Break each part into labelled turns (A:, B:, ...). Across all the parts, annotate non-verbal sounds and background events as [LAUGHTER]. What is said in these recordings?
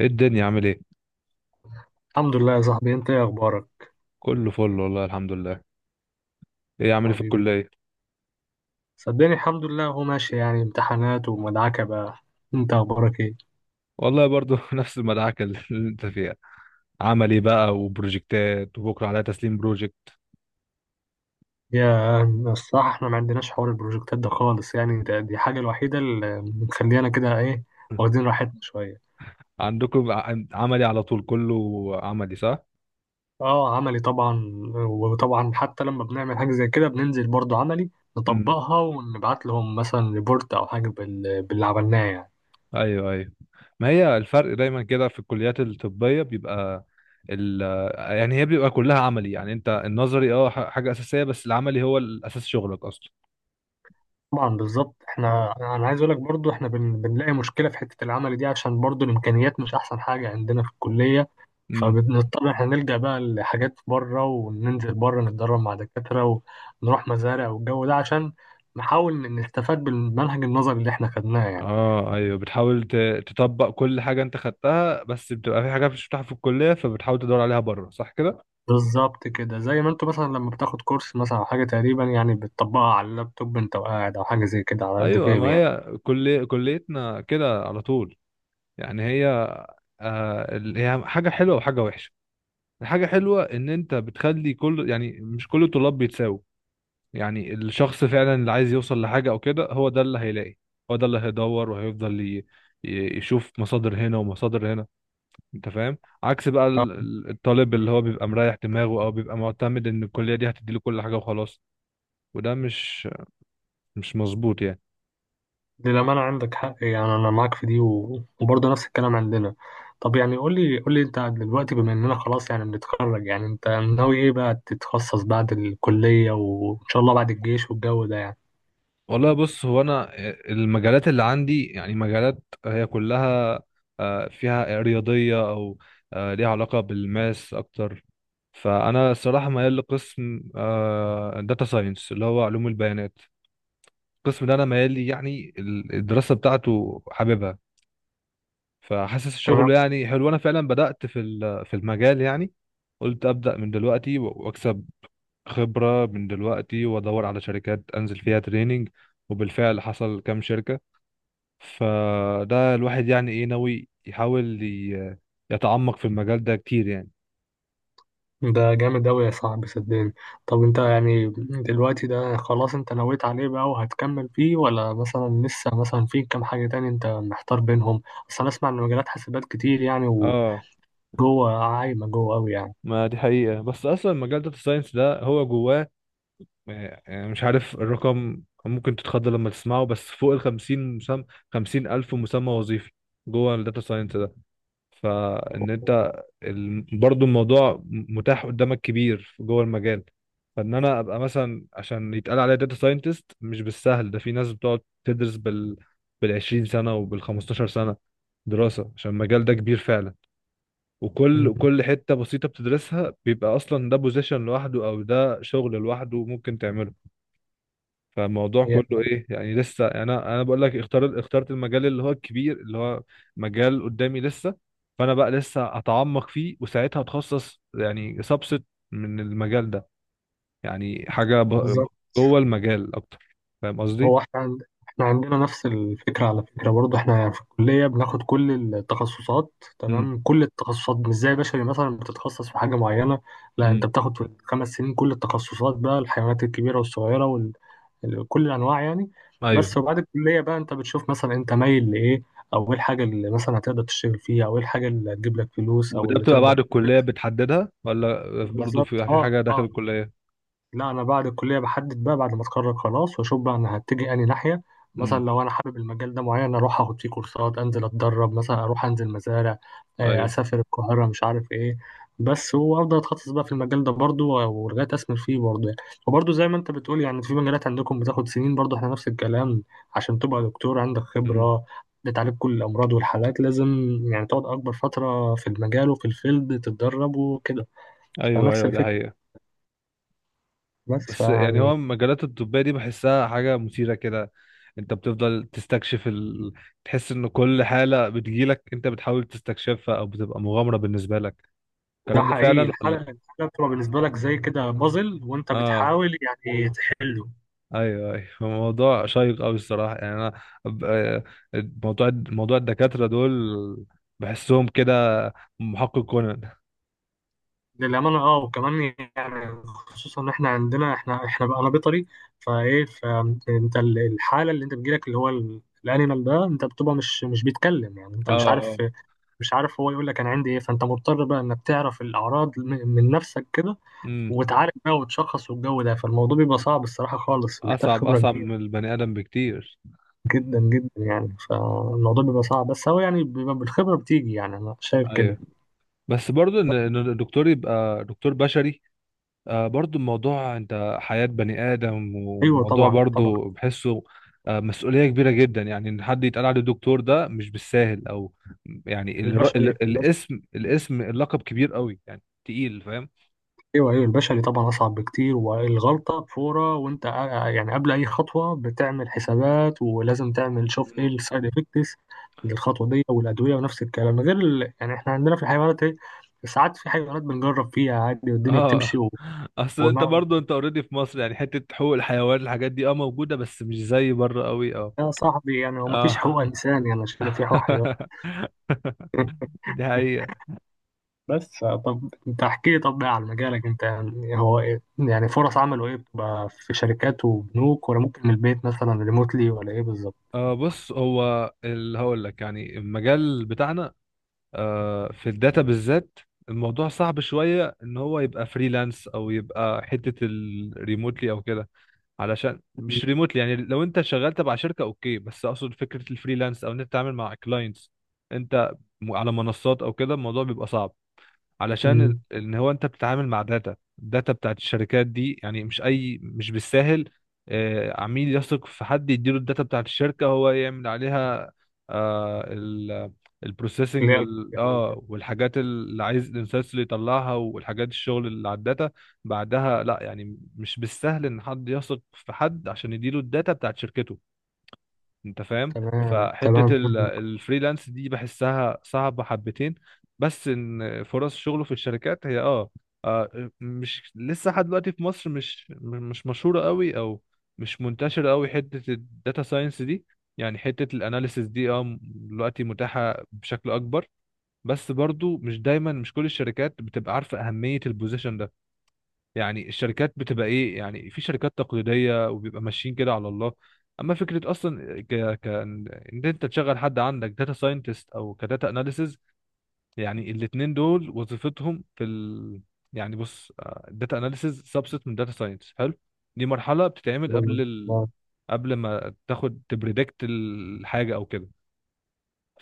A: ايه الدنيا عامل ايه؟
B: الحمد لله يا صاحبي، انت ايه اخبارك؟
A: كله فل، والله الحمد لله. ايه عامل ايه في
B: حبيبي،
A: الكليه؟
B: صدقني الحمد لله هو ماشي يعني امتحانات ومدعكة بقى. انت اخبارك ايه؟
A: والله برضو [LAUGHS] نفس المدعكه اللي انت فيها. عملي بقى وبروجكتات، وبكره عليها تسليم بروجكت.
B: يا الصراحة احنا ما عندناش حوار البروجكتات ده خالص يعني دي حاجة الوحيدة اللي مخلينا كده ايه، واخدين راحتنا شوية.
A: عندكم عملي على طول كله. عملي صح؟
B: اه، عملي طبعا، وطبعا حتى لما بنعمل حاجة زي كده بننزل برضو عملي،
A: امم.
B: نطبقها ونبعت لهم مثلا ريبورت او حاجة باللي عملناه يعني.
A: ايوه، ايوه. ما هي الفرق دايما كده في الكليات الطبيه بيبقى ال يعني هي بيبقى كلها عملي، يعني انت النظري حاجه اساسيه، بس العملي هو الاساس شغلك اصلا.
B: طبعا بالظبط، انا عايز اقول لك برضو احنا بنلاقي مشكله في حته العمل دي، عشان برضو الامكانيات مش احسن حاجه عندنا في الكليه. فبنضطر احنا نلجأ بقى لحاجات بره، وننزل بره نتدرب مع دكاتره ونروح مزارع والجو ده، عشان نحاول نستفاد بالمنهج النظري اللي احنا خدناه يعني.
A: اه، ايوه، بتحاول تطبق كل حاجه انت خدتها، بس بتبقى في حاجات مش بتاعها في الكليه، فبتحاول تدور عليها بره. صح كده؟
B: بالظبط كده، زي ما انتوا مثلا لما بتاخد كورس مثلا او حاجه تقريبا، يعني بتطبقها على اللابتوب انت وقاعد، او حاجه زي كده، على قد
A: ايوه، ما
B: فهمي يعني.
A: هي كليتنا كده على طول. يعني هي، هي حاجه حلوه وحاجه وحشه. الحاجه حلوه ان انت بتخلي كل، يعني مش كل الطلاب بيتساووا. يعني الشخص فعلا اللي عايز يوصل لحاجه او كده، هو ده اللي هيلاقي. هو ده اللي هيدور وهيفضل يشوف مصادر هنا ومصادر هنا. انت فاهم؟ عكس بقى الطالب اللي هو بيبقى مريح دماغه او بيبقى معتمد ان الكليه دي هتديله كل حاجه وخلاص. وده مش مظبوط يعني.
B: للأمانة عندك حق يعني، أنا معاك في دي وبرضه نفس الكلام عندنا. طب يعني قول لي قول لي أنت دلوقتي بما إننا خلاص يعني بنتخرج، يعني أنت ناوي إيه بقى تتخصص بعد الكلية وإن شاء الله بعد الجيش والجو ده يعني؟
A: والله بص، هو انا المجالات اللي عندي، يعني مجالات هي كلها فيها رياضيه، او ليها علاقه بالماس اكتر. فانا الصراحه ميال لقسم داتا ساينس، اللي هو علوم البيانات. القسم ده انا ميال لي، يعني الدراسه بتاعته حاببها. فحاسس شغله
B: تمام.
A: يعني حلو. انا فعلا بدأت في المجال يعني. قلت أبدأ من دلوقتي واكسب خبرة من دلوقتي، وادور على شركات انزل فيها تريننج. وبالفعل حصل كام شركة. فده الواحد يعني ايه؟ ناوي يحاول يتعمق في المجال ده كتير يعني.
B: ده جامد أوي يا صاحبي، صدقني. طب أنت يعني دلوقتي، ده خلاص أنت نويت عليه بقى وهتكمل فيه، ولا مثلا لسه مثلا في كام حاجة تاني أنت محتار بينهم؟ أصل أنا أسمع إن مجالات حاسبات كتير يعني،
A: اه،
B: وجوه عايمة جوه أوي يعني.
A: ما دي حقيقة، بس اصلا مجال داتا ساينس ده هو جواه مش عارف الرقم، ممكن تتخض لما تسمعه. بس فوق ال 50 مسمى، 50 الف مسمى وظيفي جوه الداتا ساينس ده. فان انت، برضو الموضوع متاح قدامك كبير جوه المجال. فان انا ابقى مثلا عشان يتقال عليا داتا ساينتست مش بالسهل. ده في ناس بتقعد تدرس بال 20 سنه، وبال 15 سنه دراسه، عشان المجال ده كبير فعلا.
B: مم.
A: وكل حته بسيطه بتدرسها بيبقى اصلا ده بوزيشن لوحده، او ده شغل لوحده ممكن تعمله. فالموضوع
B: يعني
A: كله ايه يعني؟ لسه، يعني انا بقول لك اخترت المجال اللي هو الكبير، اللي هو مجال قدامي لسه. فانا بقى لسه اتعمق فيه، وساعتها اتخصص يعني سبست من المجال ده. يعني حاجه
B: بالظبط.
A: جوه المجال اكتر. فاهم قصدي؟
B: هو احنا احنا عندنا نفس الفكرة على فكرة برضه، احنا في الكلية بناخد كل التخصصات،
A: امم.
B: تمام كل التخصصات مش زي بشري مثلا بتتخصص في حاجة معينة. لا،
A: امم.
B: انت بتاخد في الخمس سنين كل التخصصات بقى، الحيوانات الكبيرة والصغيرة، وكل كل الأنواع يعني.
A: ايوه.
B: بس وبعد الكلية بقى انت بتشوف مثلا انت مايل لإيه، أو إيه الحاجة اللي مثلا هتقدر تشتغل فيها، أو إيه الحاجة اللي هتجيب لك فلوس أو
A: وده
B: اللي
A: بتبقى
B: تقدر.
A: بعد الكليه بتحددها، ولا برضو
B: بالظبط،
A: في
B: اه
A: حاجه داخل
B: اه.
A: الكليه؟
B: لا، انا بعد الكليه بحدد بقى، بعد ما اتخرج خلاص واشوف بقى انا هتجي انهي ناحيه. مثلا
A: امم.
B: لو انا حابب المجال ده معين اروح اخد فيه كورسات، انزل اتدرب، مثلا اروح انزل مزارع، آه،
A: ايوه.
B: اسافر القاهره، مش عارف ايه. بس وافضل اتخصص بقى في المجال ده برضو، ولغايه اسمر فيه برضو يعني. وبرضو زي ما انت بتقول يعني في مجالات عندكم بتاخد سنين، برضو احنا نفس الكلام، عشان تبقى دكتور عندك
A: امم.
B: خبره بتعالج كل الامراض والحالات، لازم يعني تقعد اكبر فتره في المجال وفي الفيلد تتدرب وكده.
A: ايوه،
B: فنفس
A: ايوه، ده
B: الفكره،
A: حقيقة.
B: بس
A: بس يعني هو
B: يعني.
A: المجالات الطبية دي بحسها حاجة مثيرة كده. انت بتفضل تستكشف تحس ان كل حالة بتجيلك انت بتحاول تستكشفها، او بتبقى مغامرة بالنسبة لك.
B: ده
A: الكلام ده
B: حقيقي،
A: فعلا
B: الحلقة
A: ولا؟
B: الحلقة بتبقى بالنسبة لك زي كده بازل وانت
A: اه،
B: بتحاول يعني تحله.
A: ايوه، ايوه، [LAUGHS] الموضوع شيق قوي الصراحة. يعني انا موضوع الدكاترة دول بحسهم كده محقق كونان.
B: للأمانة اه، وكمان يعني خصوصا ان احنا عندنا، احنا بقى انا بيطري، فايه فانت الحالة اللي انت بتجيلك اللي هو الانيمال ده، انت بتبقى مش بيتكلم يعني، انت
A: اه.
B: مش
A: اه.
B: عارف، مش عارف هو يقول لك انا عندي ايه. فانت مضطر بقى انك تعرف الاعراض من نفسك كده،
A: امم.
B: وتعالج بقى وتشخص والجو ده. فالموضوع بيبقى صعب الصراحة خالص، محتاج
A: اصعب،
B: خبرة
A: اصعب من البني ادم بكتير.
B: جدا جدا يعني. فالموضوع بيبقى صعب، بس هو يعني بيبقى بالخبرة بتيجي يعني، أنا شايف كده.
A: ايوه، بس برضو إن الدكتور يبقى دكتور بشري، برضو الموضوع انت حياة بني آدم،
B: أيوه
A: وموضوع
B: طبعا طبعا.
A: برضو بحسه مسؤولية كبيرة جدا. يعني ان حد يتقال عليه دكتور ده مش بالساهل، او يعني الر-
B: البشري
A: ال-
B: البشري.
A: الاسم الاسم اللقب كبير قوي يعني تقيل. فاهم؟
B: أيوه أيوه، البشري طبعا أصعب بكتير، والغلطة فورة، وأنت يعني قبل أي خطوة بتعمل حسابات، ولازم تعمل شوف إيه
A: مم.
B: السايد إفكتس للخطوة دي والأدوية، ونفس الكلام غير يعني إحنا عندنا في الحيوانات إيه، ساعات في حيوانات بنجرب فيها عادي والدنيا
A: اه،
B: بتمشي و...
A: اصل انت
B: وما
A: برضو انت اوريدي في مصر، يعني حتة حقوق الحيوان، الحاجات دي موجودة، بس مش زي بره قوي، اه
B: يا صاحبي يعني، هو مفيش
A: اه
B: حقوق إنسان يعني، شبه في حقوق حيوان.
A: [LAUGHS] دي حقيقة.
B: بس طب انت احكي لي، طب بقى عن مجالك انت يعني، هو ايه يعني فرص عمله، ايه بتبقى في شركات وبنوك، ولا ممكن من البيت مثلا ريموتلي، ولا ايه بالظبط؟
A: بص، هو اللي هقول لك يعني المجال بتاعنا، في الداتا بالذات، الموضوع صعب شوية ان هو يبقى فريلانس، او يبقى حتة الريموتلي او كده. علشان مش ريموتلي، يعني لو انت شغال تبع شركة اوكي، بس اقصد فكرة الفريلانس، او ان انت تتعامل مع كلاينتس انت على منصات او كده، الموضوع بيبقى صعب، علشان
B: امم.
A: ان هو انت بتتعامل مع الداتا بتاعت الشركات دي، يعني مش اي، مش بالساهل. عميل يثق في حد يديله الداتا بتاعت الشركة هو يعمل عليها، آه ال
B: اللي
A: البروسيسنج.
B: هي الفكرة او كده.
A: اه، والحاجات اللي عايز الانسايتس اللي يطلعها، والحاجات الشغل اللي على الداتا بعدها. لا يعني مش بالسهل ان حد يثق في حد عشان يديله الداتا بتاعت شركته. انت فاهم؟
B: تمام تمام
A: فحتة
B: فاهمك.
A: الفريلانس دي بحسها صعبة حبتين. بس ان فرص شغله في الشركات هي، مش لسه لحد دلوقتي في مصر مش مشهورة قوي، او مش منتشرة قوي حتة الداتا ساينس دي. يعني حتة الاناليسيس دي دلوقتي متاحة بشكل اكبر، بس برضو مش دايما، مش كل الشركات بتبقى عارفة اهمية البوزيشن ده. يعني الشركات بتبقى ايه يعني؟ في شركات تقليديه وبيبقى ماشيين كده على الله. اما فكره اصلا، ان انت تشغل حد عندك داتا ساينتست، او كداتا اناليسز، يعني الاتنين دول وظيفتهم يعني بص، الداتا اناليسز سبست من داتا ساينس، حلو. دي مرحله بتتعمل
B: تمام
A: قبل
B: اه.
A: قبل ما تاخد تبريدكت الحاجه او كده.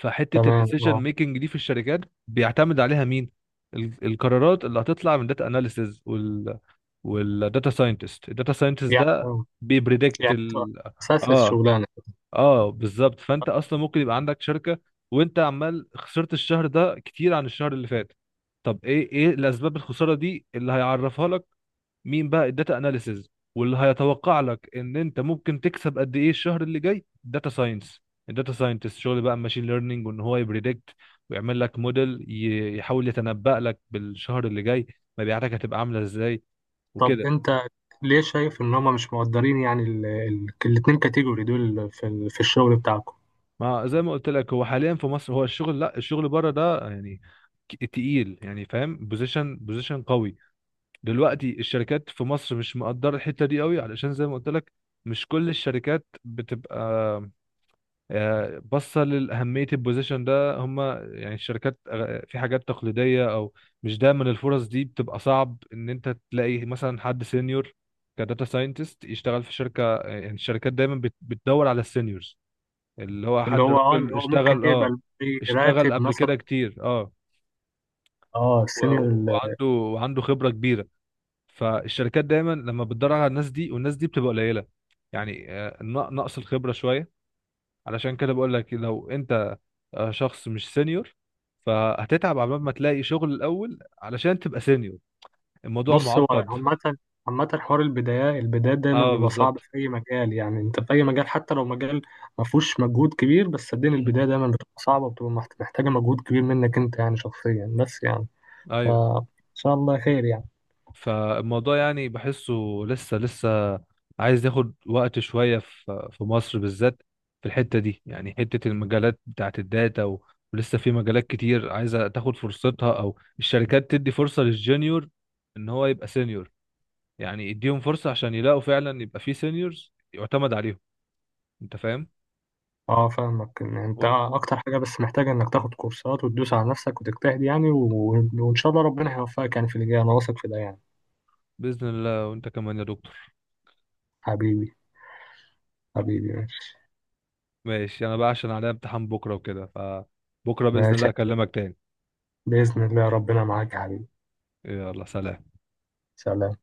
A: فحته
B: تمام
A: الديسيجن
B: اه.
A: ميكنج دي في الشركات، بيعتمد عليها مين؟ القرارات اللي هتطلع من داتا اناليسز. والداتا ساينتست
B: يعني
A: ده
B: اه.
A: بيبريدكت
B: يعني انت اساس
A: اه،
B: الشغلانه.
A: اه، بالظبط. فانت اصلا ممكن يبقى عندك شركه وانت عمال خسرت الشهر ده كتير عن الشهر اللي فات. طب، ايه الاسباب الخساره دي اللي هيعرفها لك؟ مين بقى؟ الداتا اناليسز. واللي هيتوقع لك ان انت ممكن تكسب قد ايه الشهر اللي جاي، داتا ساينس. الداتا ساينتست شغل بقى ماشين ليرنينج، وان هو يبريدكت ويعمل لك موديل يحاول يتنبأ لك بالشهر اللي جاي مبيعاتك هتبقى عامله ازاي
B: طب
A: وكده.
B: انت ليه شايف ان هم مش مقدرين يعني، الاتنين كاتيجوري دول في في الشغل بتاعكم؟
A: ما زي ما قلت لك، هو حاليا في مصر هو الشغل، لا، الشغل بره ده يعني تقيل يعني، فاهم، بوزيشن بوزيشن قوي. دلوقتي الشركات في مصر مش مقدره الحته دي قوي، علشان زي ما قلت لك مش كل الشركات بتبقى باصه لاهميه البوزيشن ده. هم يعني الشركات، في حاجات تقليديه، او مش دايما. الفرص دي بتبقى صعب ان انت تلاقي مثلا حد سينيور كداتا ساينتست يشتغل في شركه، يعني الشركات دايما بتدور على السينيورز، اللي هو
B: اللي
A: حد
B: هو اه، اللي
A: راجل
B: هو ممكن
A: اشتغل، اه،
B: يقبل
A: اشتغل
B: براتب
A: قبل
B: مثلا،
A: كده كتير، اه
B: اه
A: و-
B: السينيور.
A: وعنده وعنده خبرة كبيرة. فالشركات دايما لما بتدور على الناس دي، والناس دي بتبقى قليلة، يعني نقص الخبرة شوية. علشان كده بقول لك لو انت شخص مش سينيور، فهتتعب عبال ما تلاقي شغل الأول علشان تبقى سينيور. الموضوع
B: بص هو
A: معقد.
B: عامة، عامة حوار البداية، البدايات دايما
A: اه،
B: بيبقى صعب
A: بالظبط.
B: في أي مجال يعني، أنت في أي مجال حتى لو مجال ما فيهوش مجهود كبير، بس صدقني البداية
A: مم.
B: دايما بتبقى صعبة وبتبقى محتاجة مجهود كبير منك أنت يعني شخصيا، بس يعني.
A: ايوه.
B: فإن شاء الله خير يعني.
A: فالموضوع يعني بحسه لسه، لسه عايز ياخد وقت شوية، في مصر بالذات، في الحتة دي، يعني حتة المجالات بتاعت الداتا ولسه في مجالات كتير عايزة تاخد فرصتها، أو الشركات تدي فرصة للجونيور إن هو يبقى سينيور. يعني يديهم فرصة عشان يلاقوا فعلا يبقى في سينيورز يعتمد عليهم. أنت فاهم؟
B: أه فاهمك، إن أنت
A: و-
B: أكتر حاجة بس محتاجة إنك تاخد كورسات وتدوس على نفسك وتجتهد يعني وإن شاء الله ربنا هيوفقك يعني في اللي جاي، أنا واثق في ده يعني.
A: بإذن الله، وأنت كمان يا دكتور.
B: حبيبي، حبيبي، ماشي.
A: ماشي. أنا بقى عشان عليا امتحان بكرة وكده، فبكرة بإذن الله
B: ماشي،
A: أكلمك تاني.
B: بإذن الله ربنا معاك يا حبيبي.
A: يلا، سلام.
B: سلام.